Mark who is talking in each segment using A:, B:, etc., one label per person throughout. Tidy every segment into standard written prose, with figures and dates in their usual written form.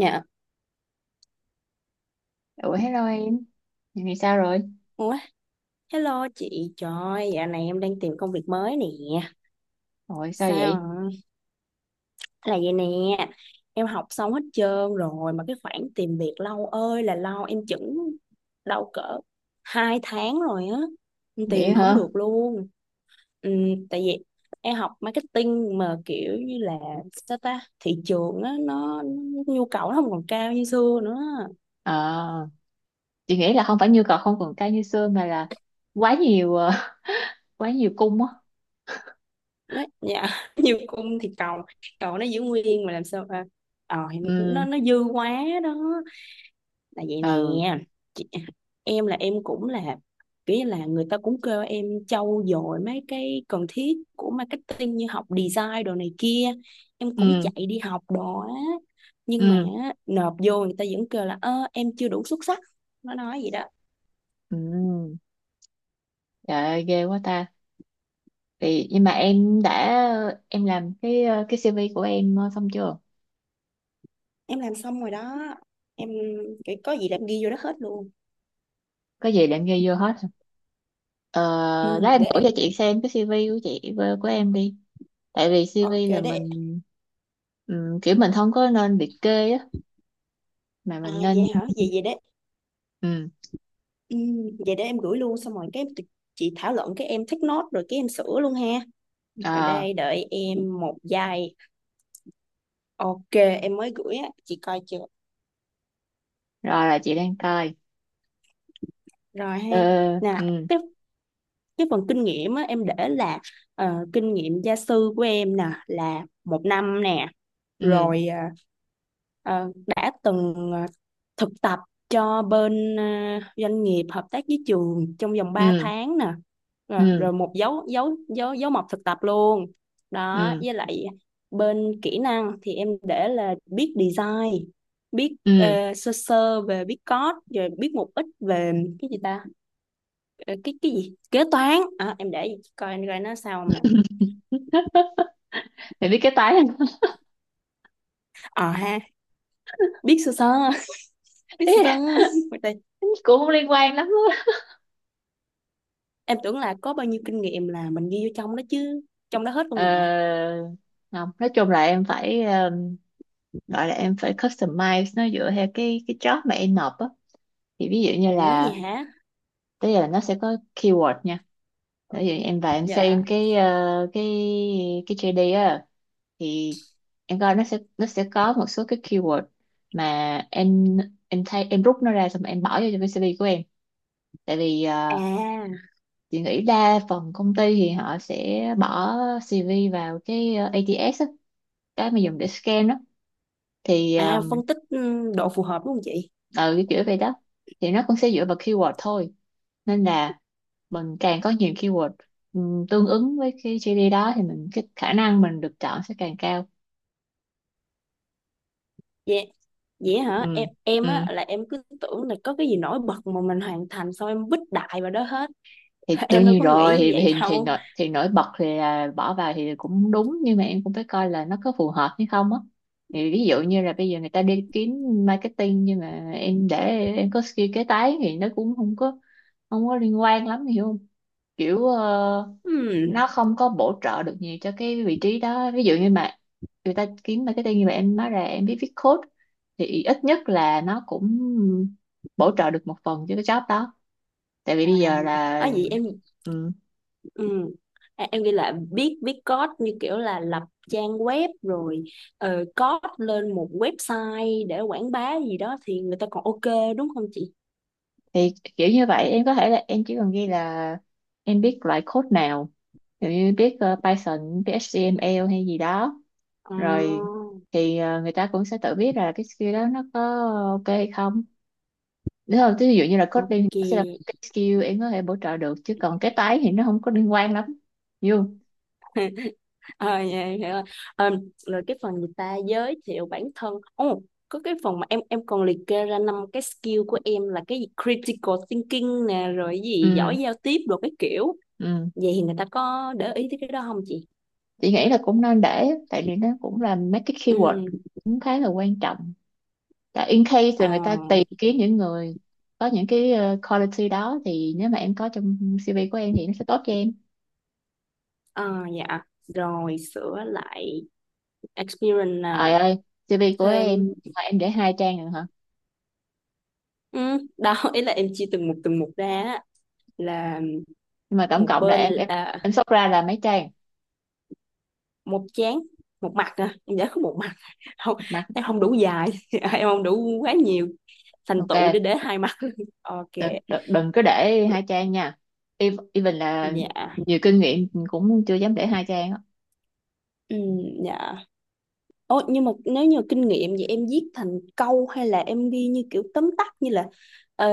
A: Dạ.
B: Ủa hello em, dạo này sao rồi?
A: Ủa, hello chị. Trời, dạo này em đang tìm công việc mới nè.
B: Ủa sao vậy?
A: Sao? Là vậy nè. Em học xong hết trơn rồi mà cái khoảng tìm việc lâu ơi là lâu, em chững đâu cỡ 2 tháng rồi á. Em
B: Vậy
A: tìm không
B: hả?
A: được luôn. Ừ, tại vì em học marketing mà kiểu như là sao ta? Thị trường á nó nhu cầu nó không còn cao như xưa nữa.
B: Ờ, chị nghĩ là không phải nhu cầu không còn cao như xưa mà là quá nhiều quá nhiều cung á.
A: Đấy, dạ nhiều cung thì cầu cầu nó giữ nguyên mà làm sao à, ờ, thì nó
B: Ừ,
A: nó dư quá, đó là vậy nè
B: ừ,
A: chị. Em là em cũng là kiểu như là người ta cũng kêu em trau dồi mấy cái cần thiết của marketing như học design đồ này kia, em cũng
B: ừ,
A: chạy đi học đồ á, nhưng mà
B: ừ,
A: nộp vô người ta vẫn kêu là ơ em chưa đủ xuất sắc, nó nói vậy đó.
B: ừ. Trời ơi, ghê quá ta. Thì nhưng mà em đã em làm cái CV của em xong chưa?
A: Em làm xong rồi đó. Em cái có gì là em ghi vô đó hết luôn.
B: Có gì để em ghi vô hết. Ờ,
A: Ừ,
B: lát em
A: để
B: gửi
A: em.
B: cho chị xem cái CV của em đi. Tại vì
A: Ok,
B: CV là
A: để.
B: kiểu mình không có nên liệt kê á, mà
A: À,
B: mình
A: vậy
B: nên
A: hả? Vậy vậy đấy.
B: ừ.
A: Vậy để em gửi luôn xong rồi cái tụi chị thảo luận cái em thích nốt rồi cái em sửa luôn ha. Rồi,
B: Ờ,
A: đây đợi em một giây. Ok, em mới gửi á, chị coi chưa?
B: rồi là chị đang coi.
A: Rồi ha.
B: Ờ,
A: Nè,
B: ừ,
A: cái cái phần kinh nghiệm á em để là kinh nghiệm gia sư của em nè là một năm nè.
B: ừ,
A: Rồi đã từng thực tập cho bên doanh nghiệp hợp tác với trường trong vòng ba
B: ừ,
A: tháng nè. rồi,
B: ừ,
A: rồi một dấu dấu dấu dấu mộc thực tập luôn đó.
B: ừ,
A: Với lại bên kỹ năng thì em để là biết design, biết
B: ừ.
A: sơ sơ về biết code, rồi biết một ít về cái gì ta. Ờ, cái gì kế toán à, em để coi anh coi nó sao không nè.
B: Thì biết cái tái.
A: Ờ ha, biết sơ sơ biết
B: Ý
A: sơ sơ
B: là cũng không liên quan lắm á.
A: Em tưởng là có bao nhiêu kinh nghiệm là mình ghi vô trong đó chứ. Trong đó hết không
B: Ờ,
A: mẹ?
B: không, nói chung là em phải gọi là em phải customize nó dựa theo cái job mà em nộp á. Thì ví dụ như
A: Ủa gì
B: là,
A: hả?
B: tức là nó sẽ có keyword nha. Ví dụ em vào em
A: Dạ.
B: xem cái ờ, cái cái JD á, thì em coi nó sẽ có một số cái keyword mà em em thay em rút nó ra xong rồi em bỏ vô trong cái CV của em. Tại vì
A: À,
B: chị nghĩ đa phần công ty thì họ sẽ bỏ CV vào cái ATS á, cái mà dùng để scan đó. Thì
A: à phân tích, ừ, độ phù hợp đúng không chị?
B: ừ cái kiểu vậy đó. Thì nó cũng sẽ dựa vào keyword thôi, nên là mình càng có nhiều keyword tương ứng với cái GD đó, thì mình cái khả năng mình được chọn sẽ càng cao.
A: Dạ, vậy hả?
B: Ừ,
A: Em á
B: ừ.
A: là em cứ tưởng là có cái gì nổi bật mà mình hoàn thành xong em vứt đại vào đó hết.
B: Thì đương
A: Em đâu
B: nhiên
A: có
B: rồi,
A: nghĩ như
B: thì
A: vậy
B: thì thì
A: đâu.
B: nổi, thì nổi bật thì là bỏ vào thì cũng đúng, nhưng mà em cũng phải coi là nó có phù hợp hay không á. Thì ví dụ như là bây giờ người ta đi kiếm marketing, nhưng mà em để em có skill kế toán thì nó cũng không có liên quan lắm, hiểu không? Kiểu
A: Ừm.
B: nó không có bổ trợ được nhiều cho cái vị trí đó. Ví dụ như mà người ta kiếm marketing như vậy, em nói ra em biết viết code thì ít nhất là nó cũng bổ trợ được một phần cho cái job đó. Tại vì
A: À,
B: bây giờ là
A: à vậy em
B: ừ,
A: ừm. À, em ghi là viết viết code như kiểu là lập trang web rồi code lên một website để quảng bá gì đó thì người ta còn ok đúng không chị?
B: thì kiểu như vậy, em có thể là em chỉ cần ghi là em biết loại code nào, ví dụ như biết Python, biết HTML hay gì đó,
A: À,
B: rồi thì người ta cũng sẽ tự biết là cái skill đó nó có ok hay không. Đúng không? Thí dụ như là coding thì
A: ok.
B: nó sẽ là một cái skill em có thể bổ trợ được, chứ còn cái tái thì nó không có liên quan lắm. Hiểu không?
A: Ờ, dạ, em hiểu rồi. Ờ, rồi cái phần người ta giới thiệu bản thân. Ồ, có cái phần mà em còn liệt kê ra năm cái skill của em là cái gì critical thinking nè, rồi cái gì
B: Ừ,
A: giỏi giao tiếp rồi cái kiểu.
B: ừ.
A: Vậy thì người ta có để ý tới cái đó không chị?
B: Chị nghĩ là cũng nên để, tại vì nó cũng là mấy cái
A: Ừ.
B: keyword cũng khá là quan trọng. Tại in case
A: Ờ,
B: là người ta tìm kiếm những người có những cái quality đó, thì nếu mà em có trong CV của em thì nó sẽ tốt cho em.
A: ờ, dạ. Rồi sửa lại experience
B: Trời
A: à.
B: ơi, CV của
A: Thêm.
B: em mà em để 2 trang rồi hả?
A: Ừ, đó ý là em chia từng mục ra á. Là
B: Nhưng mà tổng
A: một
B: cộng là
A: bên
B: em em
A: à,
B: em sort ra là mấy trang?
A: một chán, một mặt à, em giải có một mặt không,
B: Một mặt.
A: em không đủ dài em không đủ quá nhiều thành
B: Ok,
A: tựu để hai mặt ok.
B: đừng, đừng, đừng có để 2 trang nha. Even là
A: Dạ.
B: nhiều kinh nghiệm cũng chưa dám để 2 trang á.
A: Ừ, dạ. Ồ, nhưng mà nếu như kinh nghiệm vậy em viết thành câu hay là em ghi như kiểu tóm tắt như là ờ,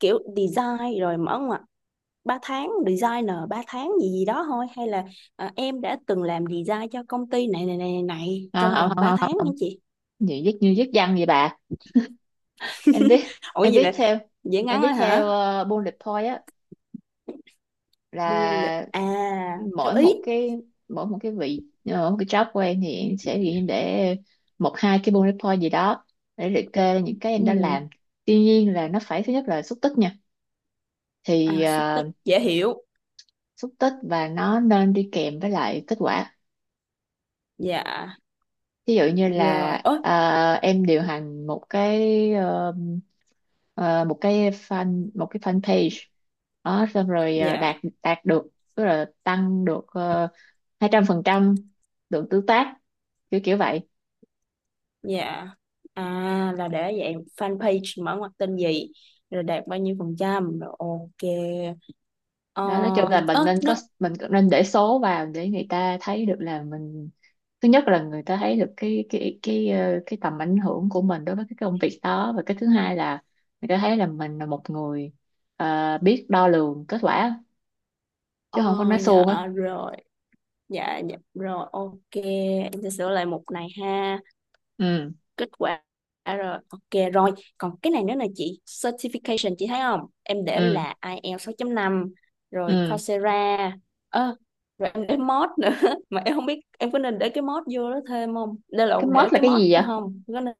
A: kiểu design rồi mở ngoặc ba tháng designer ba tháng gì gì đó thôi, hay là em đã từng làm design cho công ty này này này này này
B: À,
A: trong
B: không,
A: vòng
B: không,
A: 3
B: không,
A: tháng
B: không, không,
A: hả chị?
B: như viết văn vậy bà. em viết
A: Ủa
B: em
A: vậy
B: viết
A: là
B: theo
A: dễ
B: em
A: ngắn
B: viết
A: thôi hả?
B: theo bullet point á,
A: Bô lịch
B: là
A: à? Theo
B: mỗi
A: ý.
B: một cái mỗi một cái job của em thì em sẽ ghi để một hai cái bullet point gì đó, để liệt kê ra những cái em đã
A: Ừ.
B: làm. Tuy nhiên là nó phải, thứ nhất là xúc tích nha. thì
A: À xúc
B: ờ,
A: tích dễ hiểu.
B: Xúc tích và nó nên đi kèm với lại kết quả.
A: Dạ
B: Ví dụ như là
A: rồi ớ.
B: em điều hành một cái fan page đó, xong rồi
A: Dạ.
B: đạt đạt được, tức là tăng được 200% lượng tương tác, kiểu kiểu vậy
A: Dạ. À là để dạng fanpage mở ngoặc tên gì rồi đạt bao nhiêu phần trăm rồi ok. Ờ.
B: đó. Nói chung là
A: Ớ nó.
B: mình cũng nên để số vào, để người ta thấy được là mình, thứ nhất là người ta thấy được cái tầm ảnh hưởng của mình đối với cái công việc đó, và cái thứ hai là người ta thấy là mình là một người biết đo lường kết quả, chứ
A: Ờ.
B: không có nói suông á.
A: Dạ. Rồi, dạ dạ rồi ok, em sẽ sửa lại mục này ha.
B: Ừ,
A: Kết quả. Rồi ok rồi. Còn cái này nữa là chị, certification chị thấy không, em để
B: ừ,
A: là ai eo 6.5, rồi
B: ừ.
A: Coursera. Ơ, rồi em để mod nữa mà em không biết em có nên để cái mod vô đó thêm không, đây là
B: Cái
A: để
B: mod là
A: cái
B: cái
A: mod
B: gì vậy?
A: không có nên.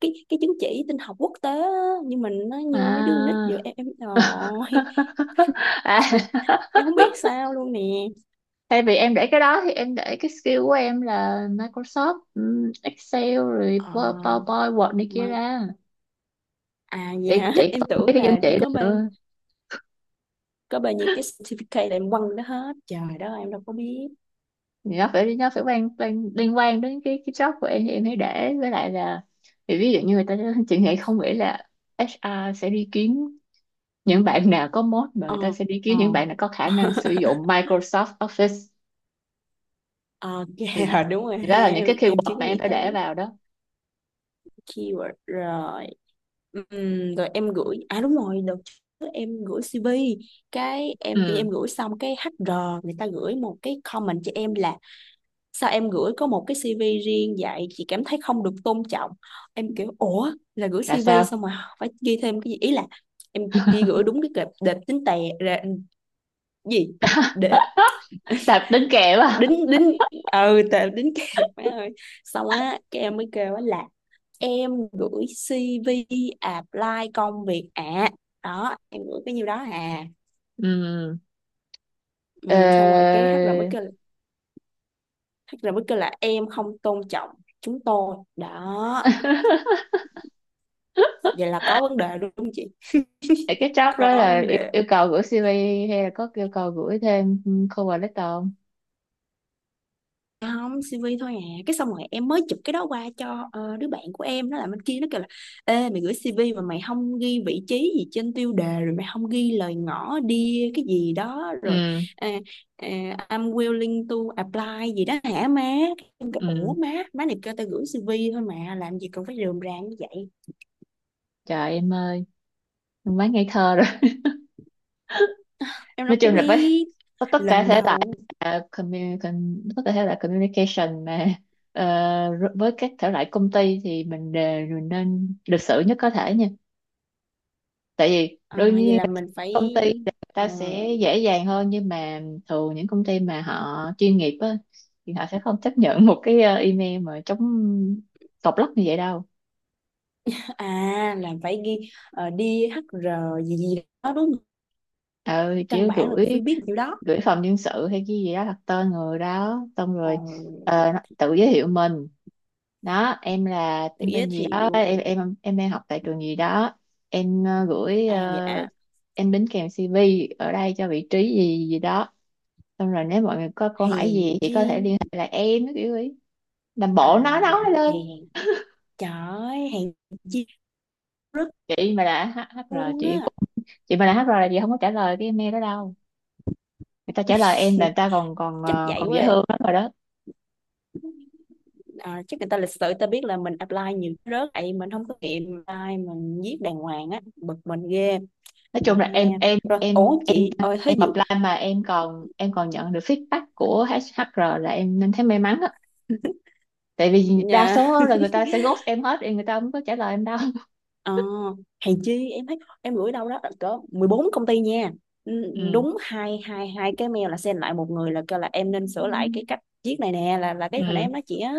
A: Cái chứng chỉ tin học quốc tế á, nhưng mình nó như mấy đứa nít vừa
B: À.
A: em rồi.
B: À.
A: Em không biết sao luôn nè.
B: Thay vì em để cái đó thì em để cái skill của em là Microsoft Excel, rồi
A: Ờ,
B: PowerPoint, Word này kia
A: mà
B: ra.
A: à
B: chị
A: dạ
B: chị
A: em
B: còn không biết
A: tưởng
B: cái dân
A: là
B: chị đó nữa.
A: có bao nhiêu cái certificate là em quăng đó hết trời đó em đâu có biết.
B: Thì nó phải quan, quan liên quan đến cái job của em thì em hãy để, với lại là thì ví dụ như người ta chị nghĩ không nghĩ là HR sẽ đi kiếm những bạn nào có mốt, mà
A: Ờ,
B: người ta sẽ đi
A: ờ.
B: kiếm những bạn nào có khả năng sử dụng Microsoft Office.
A: Ờ, kìa,
B: thì,
A: đúng rồi
B: thì
A: ha,
B: đó là những
A: em
B: cái
A: em chưa
B: keyword
A: có
B: mà em
A: nghĩ
B: phải
A: tới
B: để vào đó.
A: keyword rồi. Rồi em gửi, à đúng rồi, đợt trước em gửi CV cái em tự nhiên
B: Ừ,
A: em gửi xong cái HR người ta gửi một cái comment cho em là sao em gửi có một cái CV riêng vậy chị cảm thấy không được tôn trọng. Em kiểu ủa là gửi
B: là
A: CV
B: sao?
A: xong mà phải ghi thêm cái gì, ý là em chỉ gửi đúng cái kệp đẹp tính tè ra gì để
B: Đạp đính kèm à?
A: đính đính, ừ tao đính kẹp, má ơi. Xong á cái em mới kêu á là em gửi CV apply công việc ạ, đó em gửi cái nhiêu đó à.
B: Ừ. Ờ,
A: Ừ, xong rồi cái HR mới kêu, HR mới kêu là em không tôn trọng chúng tôi đó. Vậy là có vấn đề đúng không chị?
B: vậy cái job đó
A: Có
B: là
A: vấn
B: yêu,
A: đề.
B: yêu cầu gửi CV, hay là có yêu cầu gửi thêm cover letter không?
A: Dạ không, CV thôi à, cái xong rồi em mới chụp cái đó qua cho đứa bạn của em, nó làm bên kia nó kêu là ê mày gửi CV mà mày không ghi vị trí gì trên tiêu đề rồi mày không ghi lời ngỏ đi cái gì đó rồi
B: Ừ,
A: à, à, I'm willing to apply gì đó hả má. Em kêu
B: ừ.
A: ủa má, má này kêu tao gửi CV thôi mà làm gì cần phải rườm rà như vậy,
B: Trời em ơi, em quá ngây thơ rồi.
A: em
B: Nói
A: đâu có
B: chung là bác,
A: biết
B: có tất cả
A: lần
B: thể loại,
A: đầu.
B: communication mà. Ờ, r- với các thể loại công ty thì mình nên lịch sự nhất có thể nha. Tại vì
A: À,
B: đương
A: vậy
B: nhiên
A: là mình phải
B: công ty thì người
A: ờ,
B: ta sẽ dễ dàng hơn, nhưng mà thường những công ty mà họ chuyên nghiệp á, thì họ sẽ không chấp nhận một cái email mà chống tọc lắc như vậy đâu.
A: à là phải ghi đi HR gì gì đó đúng không,
B: ờ chỉ
A: căn bản là cũng
B: gửi
A: phải biết điều đó.
B: gửi phòng nhân sự hay cái gì đó, đặt tên người đó, xong
A: Ờ,
B: rồi tự giới thiệu mình, đó em là
A: tự
B: em
A: giới
B: tên gì đó,
A: thiệu.
B: em đang học tại trường gì đó, em ờ, gửi
A: À
B: ờ,
A: dạ,
B: em đính kèm CV ở đây cho vị trí gì gì đó, xong rồi nếu mọi người có câu hỏi
A: hèn
B: gì thì
A: chi.
B: có thể liên hệ lại em cái kiểu ấy. Làm bộ
A: À
B: nói
A: dạ,
B: lên.
A: hèn, trời ơi, hèn chi rớt
B: Chị mà là HR,
A: luôn á.
B: chị mà là HR là chị không có trả lời cái email đó đâu. Người ta trả lời em là người ta còn còn
A: Chắc
B: ờ,
A: vậy
B: còn
A: quá
B: dễ
A: à.
B: thương lắm rồi đó.
A: À, chắc người ta lịch sự người ta biết là mình apply nhiều cái rớt vậy mình không có nghiệm apply mình viết đàng hoàng á, bực mình ghê
B: Nói
A: mà.
B: chung là
A: Rồi ủa chị ơi thấy
B: em
A: dụ
B: apply mà em còn, em còn nhận được feedback của HR là em nên thấy may mắn á. Tại vì đa
A: nhà.
B: số là người ta sẽ ghost em hết, thì người ta không có trả lời em đâu.
A: Ờ, hèn chi em thấy em gửi đâu đó cỡ 14 công ty nha. Ừ,
B: Ừ,
A: đúng hai hai hai cái mail là send lại một người là kêu là em nên sửa lại cái cách viết này nè, là cái hồi nãy
B: ừ,
A: em nói chị á,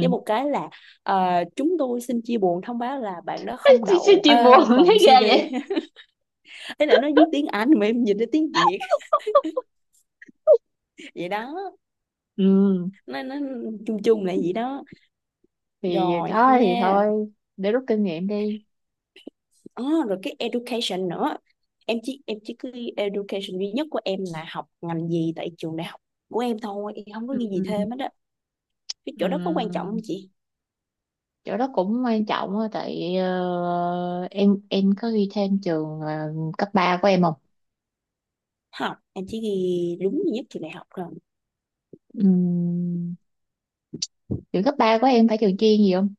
A: với một cái là ờ, chúng tôi xin chia buồn thông báo là bạn đó không
B: chị, chị,
A: đậu
B: chị buồn thấy
A: vòng
B: ghê
A: CV.
B: vậy.
A: Thế là nó viết tiếng Anh mà em dịch ra tiếng Việt vậy đó.
B: Ừ,
A: Nó chung chung là vậy đó.
B: thì
A: Rồi
B: thôi,
A: ha.
B: để rút kinh nghiệm đi.
A: À, rồi cái education nữa, em chỉ cứ education duy nhất của em là học ngành gì tại trường đại học của em thôi, em không có
B: Ừ,
A: ghi gì
B: ừ.
A: thêm hết đó. Cái chỗ đó có quan trọng
B: Ừ.
A: không chị?
B: Chỗ đó cũng quan trọng á. Tại em có ghi thêm trường cấp 3 của em không?
A: Học em chỉ ghi đúng duy nhất trường đại học rồi.
B: Ừ. Trường cấp 3 của em phải trường chuyên gì không?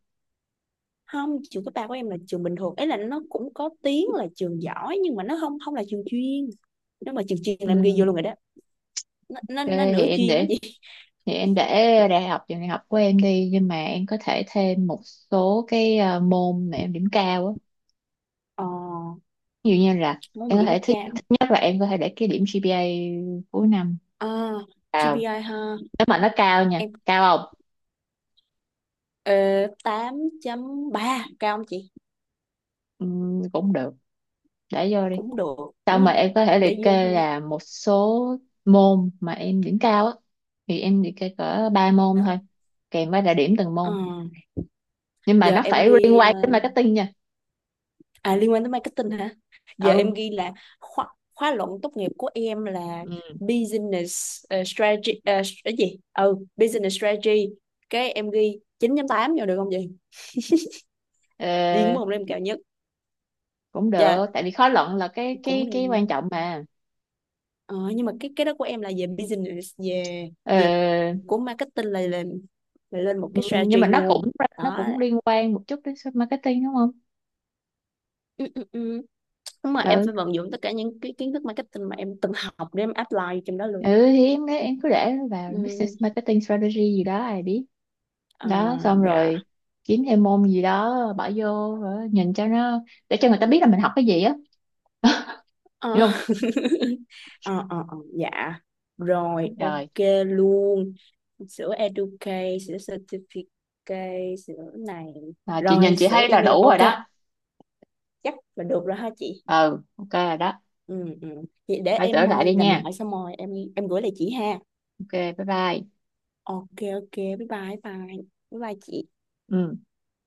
A: Không, trường cấp ba của em là trường bình thường ấy, là nó cũng có tiếng là trường giỏi nhưng mà nó không không là trường chuyên, nếu mà trường chuyên
B: Ừ,
A: là em ghi vô luôn rồi đó. nó
B: ok
A: nó, nó
B: thì
A: nửa
B: em
A: chuyên đó
B: để,
A: chị.
B: thì em để đại học trường đại học của em đi, nhưng mà em có thể thêm một số cái môn mà em điểm cao á.
A: Ờ,
B: Ví dụ như là
A: muốn một
B: em có
A: điểm
B: thể, thứ,
A: cao.
B: thứ nhất là em có thể để cái điểm GPA cuối năm
A: À
B: cao,
A: GPI ha.
B: nếu mà nó cao nha,
A: Em
B: cao không?
A: ờ, 8.3 cao không chị?
B: Ừ, cũng được, để vô đi.
A: Cũng được đúng
B: Xong mà
A: không?
B: em có thể
A: Để
B: liệt
A: vô
B: kê
A: hơn.
B: là một số môn mà em điểm cao á, thì em liệt kê cỡ 3 môn thôi, kèm với là điểm từng
A: Ờ,
B: môn. Nhưng mà
A: giờ
B: nó
A: em
B: phải liên
A: ghi ờ,
B: quan đến marketing nha.
A: à liên quan tới marketing hả, giờ em
B: Ừ.
A: ghi là khóa khóa luận tốt nghiệp của em là business strategy, ờ, cái gì ừ business strategy, cái em ghi 9 tám vô được không vậy, riêng
B: Ừ.
A: môn đó em cao nhất.
B: Cũng
A: Dạ
B: được, tại vì khó luận là cái
A: cũng,
B: cái cái quan trọng mà.
A: ờ, nhưng mà cái đó của em là về business, về về
B: Ờ,
A: của marketing là lên, là lên một cái
B: nhưng mà
A: strategy
B: nó
A: luôn
B: cũng nó
A: đó.
B: cũng liên quan một chút đến marketing, đúng không?
A: Ừ, ừ, ừ. Đúng rồi, em
B: Ừ,
A: phải vận dụng tất cả những cái kiến thức marketing mà em từng học để em apply trong đó luôn.
B: ừ. Thì em cứ để nó vào business
A: Ừm,
B: marketing strategy gì đó, ai biết. Đó,
A: à,
B: xong
A: dạ.
B: rồi kiếm thêm môn gì đó bỏ vô rồi nhìn cho nó, để cho người ta biết là mình học cái gì á.
A: Ờ,
B: Hiểu không?
A: ờ, dạ. Rồi,
B: Rồi.
A: ok luôn. Sữa Educate, sữa Certificate, sữa này.
B: À, chị nhìn
A: Rồi,
B: chị
A: sữa
B: thấy là
A: email.
B: đủ rồi
A: Ok,
B: đó.
A: chắc là được rồi ha chị.
B: Ừ, ok rồi đó,
A: Ừ, ừ. Vậy để
B: phải sửa
A: em
B: lại đi
A: làm
B: nha.
A: lại xong rồi em gửi lại chị ha.
B: Ok, bye bye.
A: Ok, ok. Bye bye, bye. Bye bye chị.
B: Ừ.